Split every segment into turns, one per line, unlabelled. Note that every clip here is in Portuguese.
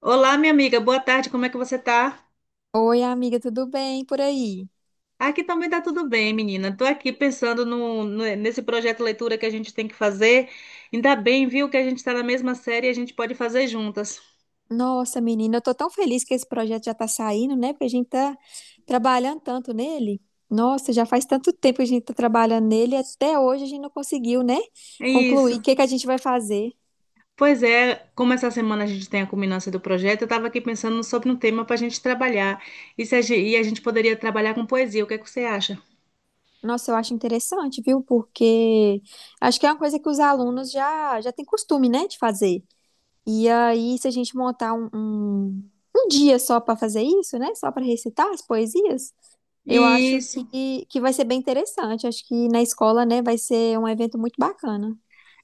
Olá, minha amiga, boa tarde, como é que você tá?
Oi, amiga, tudo bem por aí?
Aqui também tá tudo bem, menina. Tô aqui pensando nesse projeto leitura que a gente tem que fazer. Ainda bem, viu, que a gente tá na mesma série e a gente pode fazer juntas.
Nossa, menina, eu tô tão feliz que esse projeto já tá saindo, né? Porque a gente tá trabalhando tanto nele. Nossa, já faz tanto tempo que a gente tá trabalhando nele, e até hoje a gente não conseguiu, né?
É
Concluir. O
isso.
que que a gente vai fazer?
Pois é, como essa semana a gente tem a culminância do projeto, eu tava aqui pensando sobre um tema pra gente trabalhar. E, se a, gen- e a gente poderia trabalhar com poesia, o que é que você acha?
Nossa, eu acho interessante, viu? Porque acho que é uma coisa que os alunos já têm costume, né, de fazer. E aí, se a gente montar um dia só pra fazer isso, né? Só pra recitar as poesias. Eu acho que,
Isso.
que vai ser bem interessante. Acho que na escola, né, vai ser um evento muito bacana.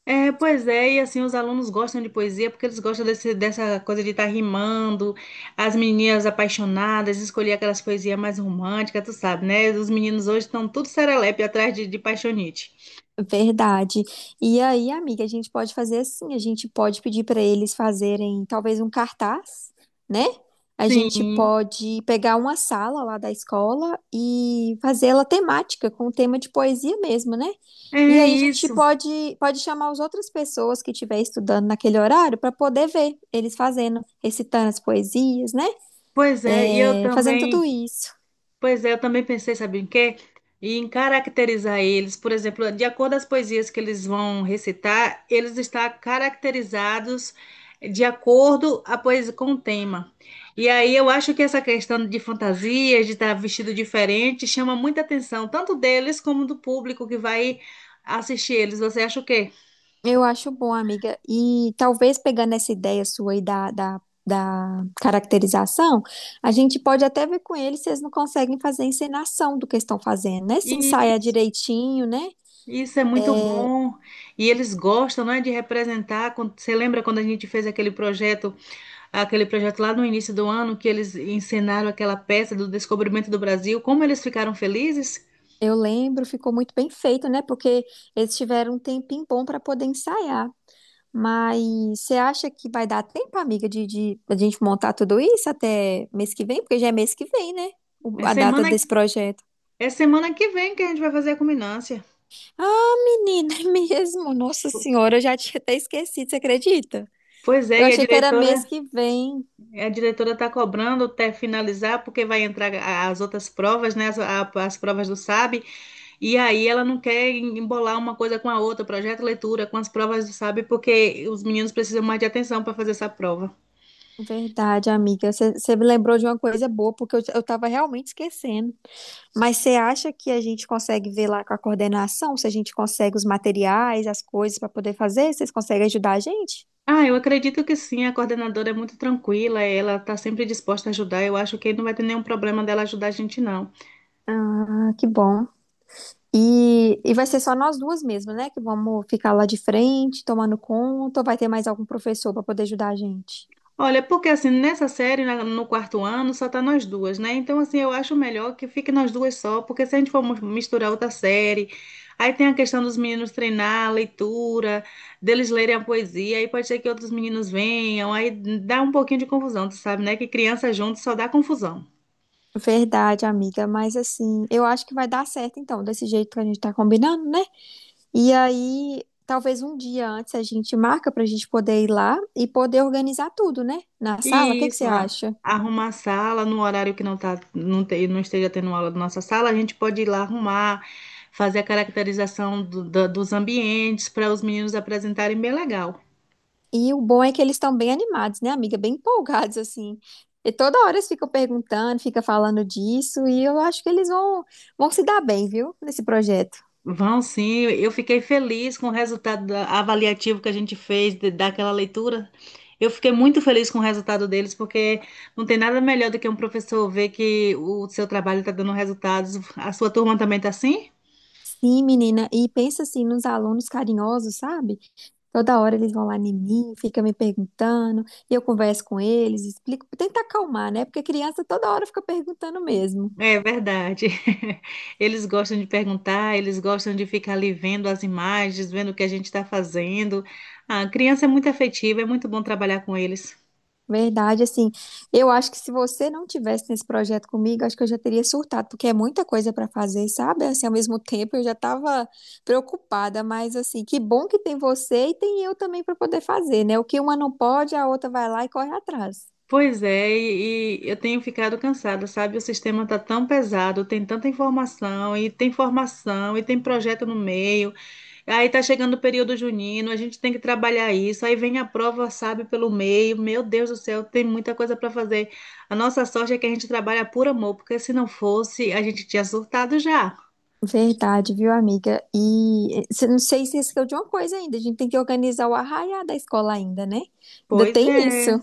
É, pois é, e assim, os alunos gostam de poesia porque eles gostam dessa coisa de estar rimando, as meninas apaixonadas, escolher aquelas poesias mais românticas, tu sabe, né? Os meninos hoje estão tudo serelepe atrás de paixonite.
Verdade. E aí, amiga, a gente pode fazer assim: a gente pode pedir para eles fazerem talvez um cartaz, né? A gente
Sim,
pode pegar uma sala lá da escola e fazê-la temática, com tema de poesia mesmo, né?
é
E aí a gente
isso.
pode chamar as outras pessoas que estiver estudando naquele horário para poder ver eles fazendo, recitando as poesias, né?
Pois é, e eu
É, fazendo tudo
também.
isso.
Pois é, eu também pensei, sabe em quê? E em caracterizar eles, por exemplo, de acordo com as poesias que eles vão recitar, eles estão caracterizados de acordo a poesia com o tema. E aí eu acho que essa questão de fantasias, de estar vestido diferente, chama muita atenção, tanto deles como do público que vai assistir eles. Você acha o quê?
Eu acho bom, amiga. E talvez pegando essa ideia sua aí da caracterização, a gente pode até ver com eles se eles não conseguem fazer a encenação do que estão fazendo, né? Se ensaiar
Isso,
direitinho, né?
isso é muito bom. E eles gostam, não é, de representar. Você lembra quando a gente fez aquele projeto? Aquele projeto lá no início do ano que eles encenaram aquela peça do descobrimento do Brasil, como eles ficaram felizes.
Eu lembro, ficou muito bem feito, né? Porque eles tiveram um tempinho bom para poder ensaiar. Mas você acha que vai dar tempo, amiga, de a gente montar tudo isso até mês que vem? Porque já é mês que vem, né?
É
A data
semana,
desse projeto.
é semana que vem que a gente vai fazer a culminância.
Ah, menina, é mesmo. Nossa Senhora, eu já tinha até esquecido, você acredita?
Pois é,
Eu
e
achei que era mês que vem.
a diretora está cobrando até finalizar, porque vai entrar as outras provas, né? As provas do SAB, e aí ela não quer embolar uma coisa com a outra, projeto leitura, com as provas do SAB, porque os meninos precisam mais de atenção para fazer essa prova.
Verdade, amiga. Você me lembrou de uma coisa boa, porque eu tava realmente esquecendo. Mas você acha que a gente consegue ver lá com a coordenação, se a gente consegue os materiais, as coisas para poder fazer? Vocês conseguem ajudar a gente?
Ah, eu acredito que sim, a coordenadora é muito tranquila, ela está sempre disposta a ajudar, eu acho que não vai ter nenhum problema dela ajudar a gente, não.
Ah, que bom. E vai ser só nós duas mesmo, né? Que vamos ficar lá de frente, tomando conta, ou vai ter mais algum professor para poder ajudar a gente?
Olha, porque assim, nessa série, no quarto ano, só tá nós duas, né? Então, assim, eu acho melhor que fique nós duas só, porque se a gente for misturar outra série, aí tem a questão dos meninos treinar a leitura, deles lerem a poesia, aí pode ser que outros meninos venham, aí dá um pouquinho de confusão, tu sabe, né? Que criança junto só dá confusão.
Verdade, amiga, mas assim, eu acho que vai dar certo então, desse jeito que a gente tá combinando, né? E aí, talvez um dia antes a gente marca pra gente poder ir lá e poder organizar tudo, né? Na sala, o que que você
Isso.
acha?
Arrumar a sala no horário que não tá, não esteja tendo aula da nossa sala, a gente pode ir lá arrumar, fazer a caracterização dos ambientes para os meninos apresentarem bem legal.
E o bom é que eles estão bem animados, né, amiga? Bem empolgados, assim. E toda hora eles ficam perguntando, ficam falando disso, e eu acho que vão se dar bem, viu? Nesse projeto.
Vão sim, eu fiquei feliz com o resultado avaliativo que a gente fez daquela leitura. Eu fiquei muito feliz com o resultado deles, porque não tem nada melhor do que um professor ver que o seu trabalho está dando resultados. A sua turma também está assim?
Sim, menina, e pensa assim nos alunos carinhosos, sabe? Toda hora eles vão lá em mim, fica me perguntando, e eu converso com eles, explico, tento acalmar, né? Porque a criança toda hora fica perguntando mesmo.
É verdade. Eles gostam de perguntar, eles gostam de ficar ali vendo as imagens, vendo o que a gente está fazendo. A criança é muito afetiva, é muito bom trabalhar com eles.
Verdade, assim, eu acho que se você não tivesse nesse projeto comigo, acho que eu já teria surtado, porque é muita coisa para fazer, sabe? Assim, ao mesmo tempo eu já estava preocupada, mas assim, que bom que tem você e tem eu também para poder fazer, né? O que uma não pode, a outra vai lá e corre atrás.
Pois é, e eu tenho ficado cansada, sabe? O sistema está tão pesado, tem tanta informação, e tem formação, e tem projeto no meio. Aí tá chegando o período junino, a gente tem que trabalhar isso. Aí vem a prova, sabe, pelo meio. Meu Deus do céu, tem muita coisa para fazer. A nossa sorte é que a gente trabalha por amor, porque se não fosse, a gente tinha surtado já.
Verdade, viu, amiga? E não sei se esqueceu de uma coisa ainda. A gente tem que organizar o arraiá da escola ainda, né? Ainda
Pois
tem isso.
é.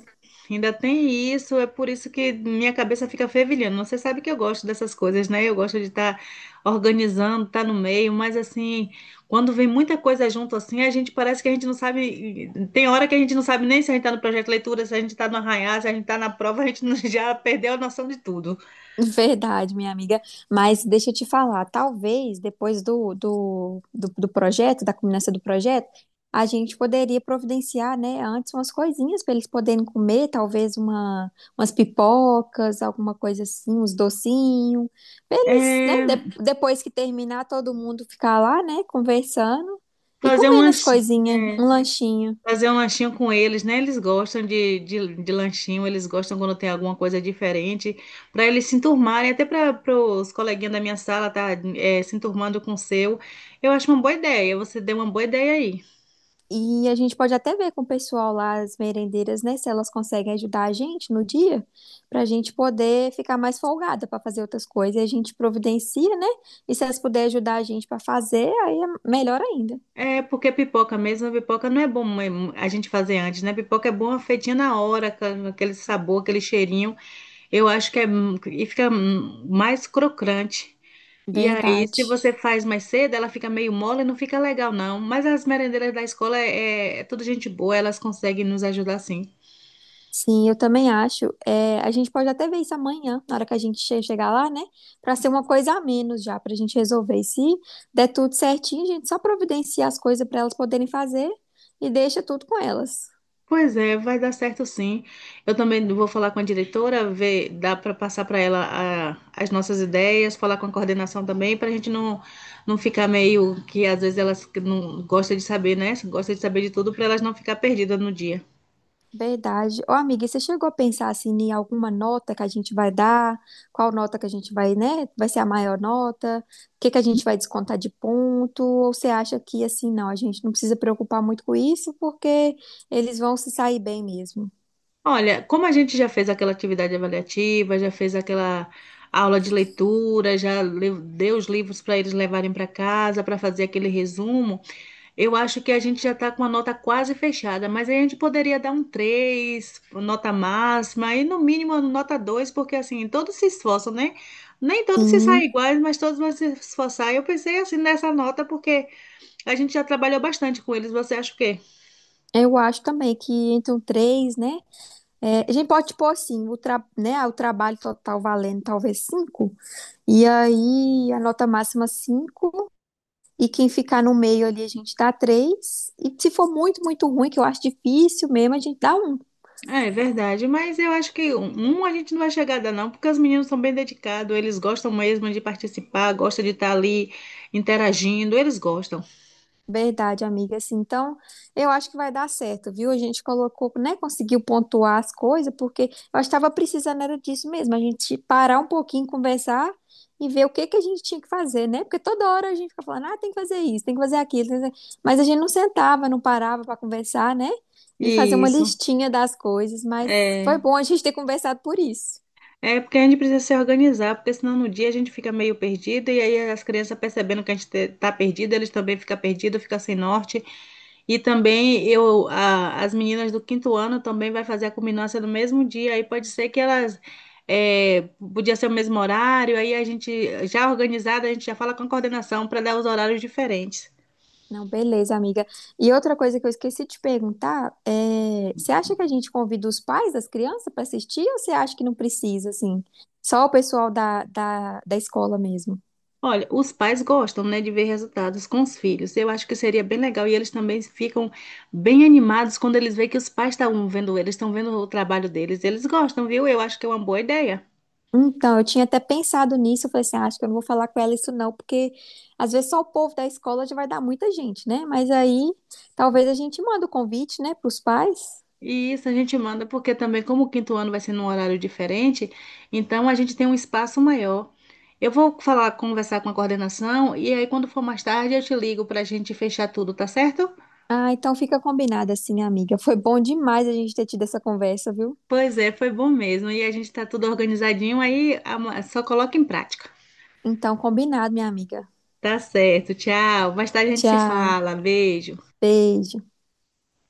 Ainda tem isso, é por isso que minha cabeça fica fervilhando. Você sabe que eu gosto dessas coisas, né? Eu gosto de estar organizando, estar no meio, mas assim, quando vem muita coisa junto assim, a gente parece que a gente não sabe. Tem hora que a gente não sabe nem se a gente está no projeto de leitura, se a gente está no arranhar, se a gente está na prova, a gente já perdeu a noção de tudo.
Verdade, minha amiga. Mas deixa eu te falar, talvez depois do projeto, da culminância do projeto, a gente poderia providenciar, né, antes umas coisinhas para eles poderem comer, umas pipocas, alguma coisa assim, uns docinhos, para eles, né,
É,
depois que terminar, todo mundo ficar lá, né, conversando e
fazer
comendo as
umas.
coisinhas,
é,
um lanchinho.
Fazer um lanchinho com eles, né? Eles gostam de lanchinho, eles gostam quando tem alguma coisa diferente, para eles se enturmarem, até para os coleguinhas da minha sala se enturmando com o seu. Eu acho uma boa ideia, você deu uma boa ideia aí.
E a gente pode até ver com o pessoal lá, as merendeiras, né, se elas conseguem ajudar a gente no dia, para a gente poder ficar mais folgada para fazer outras coisas. E a gente providencia, né? E se elas puderem ajudar a gente para fazer, aí é melhor ainda.
É, porque pipoca mesmo, pipoca não é bom, mas a gente fazer antes, né? Pipoca é boa feitinha na hora, com aquele sabor, aquele cheirinho. Eu acho que é, e fica mais crocante. E aí, se
Verdade.
você faz mais cedo, ela fica meio mole, não fica legal, não. Mas as merendeiras da escola é tudo gente boa, elas conseguem nos ajudar sim.
Sim, eu também acho. É, a gente pode até ver isso amanhã, na hora que a gente chegar lá, né? Para ser uma coisa a menos já, para a gente resolver. E se der tudo certinho, a gente só providencia as coisas para elas poderem fazer e deixa tudo com elas.
Pois é, vai dar certo sim. Eu também vou falar com a diretora, ver, dá para passar para ela as nossas ideias, falar com a coordenação também, para a gente não, não ficar meio que às vezes elas que não gostam de saber, né? Gostam de saber de tudo, para elas não ficar perdidas no dia.
Verdade. Ô, amiga, e você chegou a pensar assim em alguma nota que a gente vai dar? Qual nota que a gente vai, né? Vai ser a maior nota? O que que a gente vai descontar de ponto? Ou você acha que assim, não, a gente não precisa preocupar muito com isso porque eles vão se sair bem mesmo?
Olha, como a gente já fez aquela atividade avaliativa, já fez aquela aula de leitura, deu os livros para eles levarem para casa para fazer aquele resumo, eu acho que a gente já está com a nota quase fechada, mas aí a gente poderia dar um 3, nota máxima, e no mínimo a nota 2, porque assim, todos se esforçam, né? Nem todos se saem
Sim,
iguais, mas todos vão se esforçar. Eu pensei assim nessa nota, porque a gente já trabalhou bastante com eles, você acha o quê?
eu acho também que entre um 3, né? É, a gente pode pôr assim, o trabalho total valendo talvez 5, e aí a nota máxima 5. E quem ficar no meio ali, a gente dá 3. E se for muito, muito ruim, que eu acho difícil mesmo, a gente dá um.
É, é verdade, mas eu acho que um um a gente não vai chegar a dar não, porque os meninos são bem dedicados, eles gostam mesmo de participar, gostam de estar ali interagindo, eles gostam.
Verdade, amiga. Assim, então, eu acho que vai dar certo, viu? A gente colocou, né? Conseguiu pontuar as coisas, porque eu estava precisando era disso mesmo. A gente parar um pouquinho, conversar e ver o que que a gente tinha que fazer, né? Porque toda hora a gente fica falando, ah, tem que fazer isso, tem que fazer aquilo, tem que fazer, mas a gente não sentava, não parava para conversar, né? E fazer uma
Isso,
listinha das coisas, mas foi
é.
bom a gente ter conversado por isso.
É porque a gente precisa se organizar, porque senão no dia a gente fica meio perdido e aí as crianças percebendo que a gente tá perdido, eles também ficam perdidos, ficam sem norte. E também as meninas do quinto ano também vai fazer a culminância no mesmo dia, aí pode ser que é, podia ser o mesmo horário, aí a gente já organizada, a gente já fala com a coordenação para dar os horários diferentes.
Não, beleza, amiga. E outra coisa que eu esqueci de te perguntar é, você acha que a gente convida os pais das crianças para assistir ou você acha que não precisa, assim? Só o pessoal da escola mesmo?
Olha, os pais gostam, né, de ver resultados com os filhos. Eu acho que seria bem legal e eles também ficam bem animados quando eles veem que os pais estão vendo eles, estão vendo o trabalho deles. Eles gostam, viu? Eu acho que é uma boa ideia.
Então, eu tinha até pensado nisso, eu falei assim, "Ah, acho que eu não vou falar com ela isso não, porque às vezes só o povo da escola já vai dar muita gente, né?" Mas aí talvez a gente manda o convite, né, para os pais.
E isso a gente manda porque também, como o quinto ano vai ser num horário diferente, então a gente tem um espaço maior. Eu vou falar, conversar com a coordenação e aí quando for mais tarde eu te ligo para a gente fechar tudo, tá certo?
Ah, então fica combinado assim, amiga. Foi bom demais a gente ter tido essa conversa, viu?
Pois é, foi bom mesmo. E a gente tá tudo organizadinho aí, ama- só coloca em prática.
Então, combinado, minha amiga.
Tá certo, tchau. Mais tarde a gente se
Tchau.
fala. Beijo.
Beijo.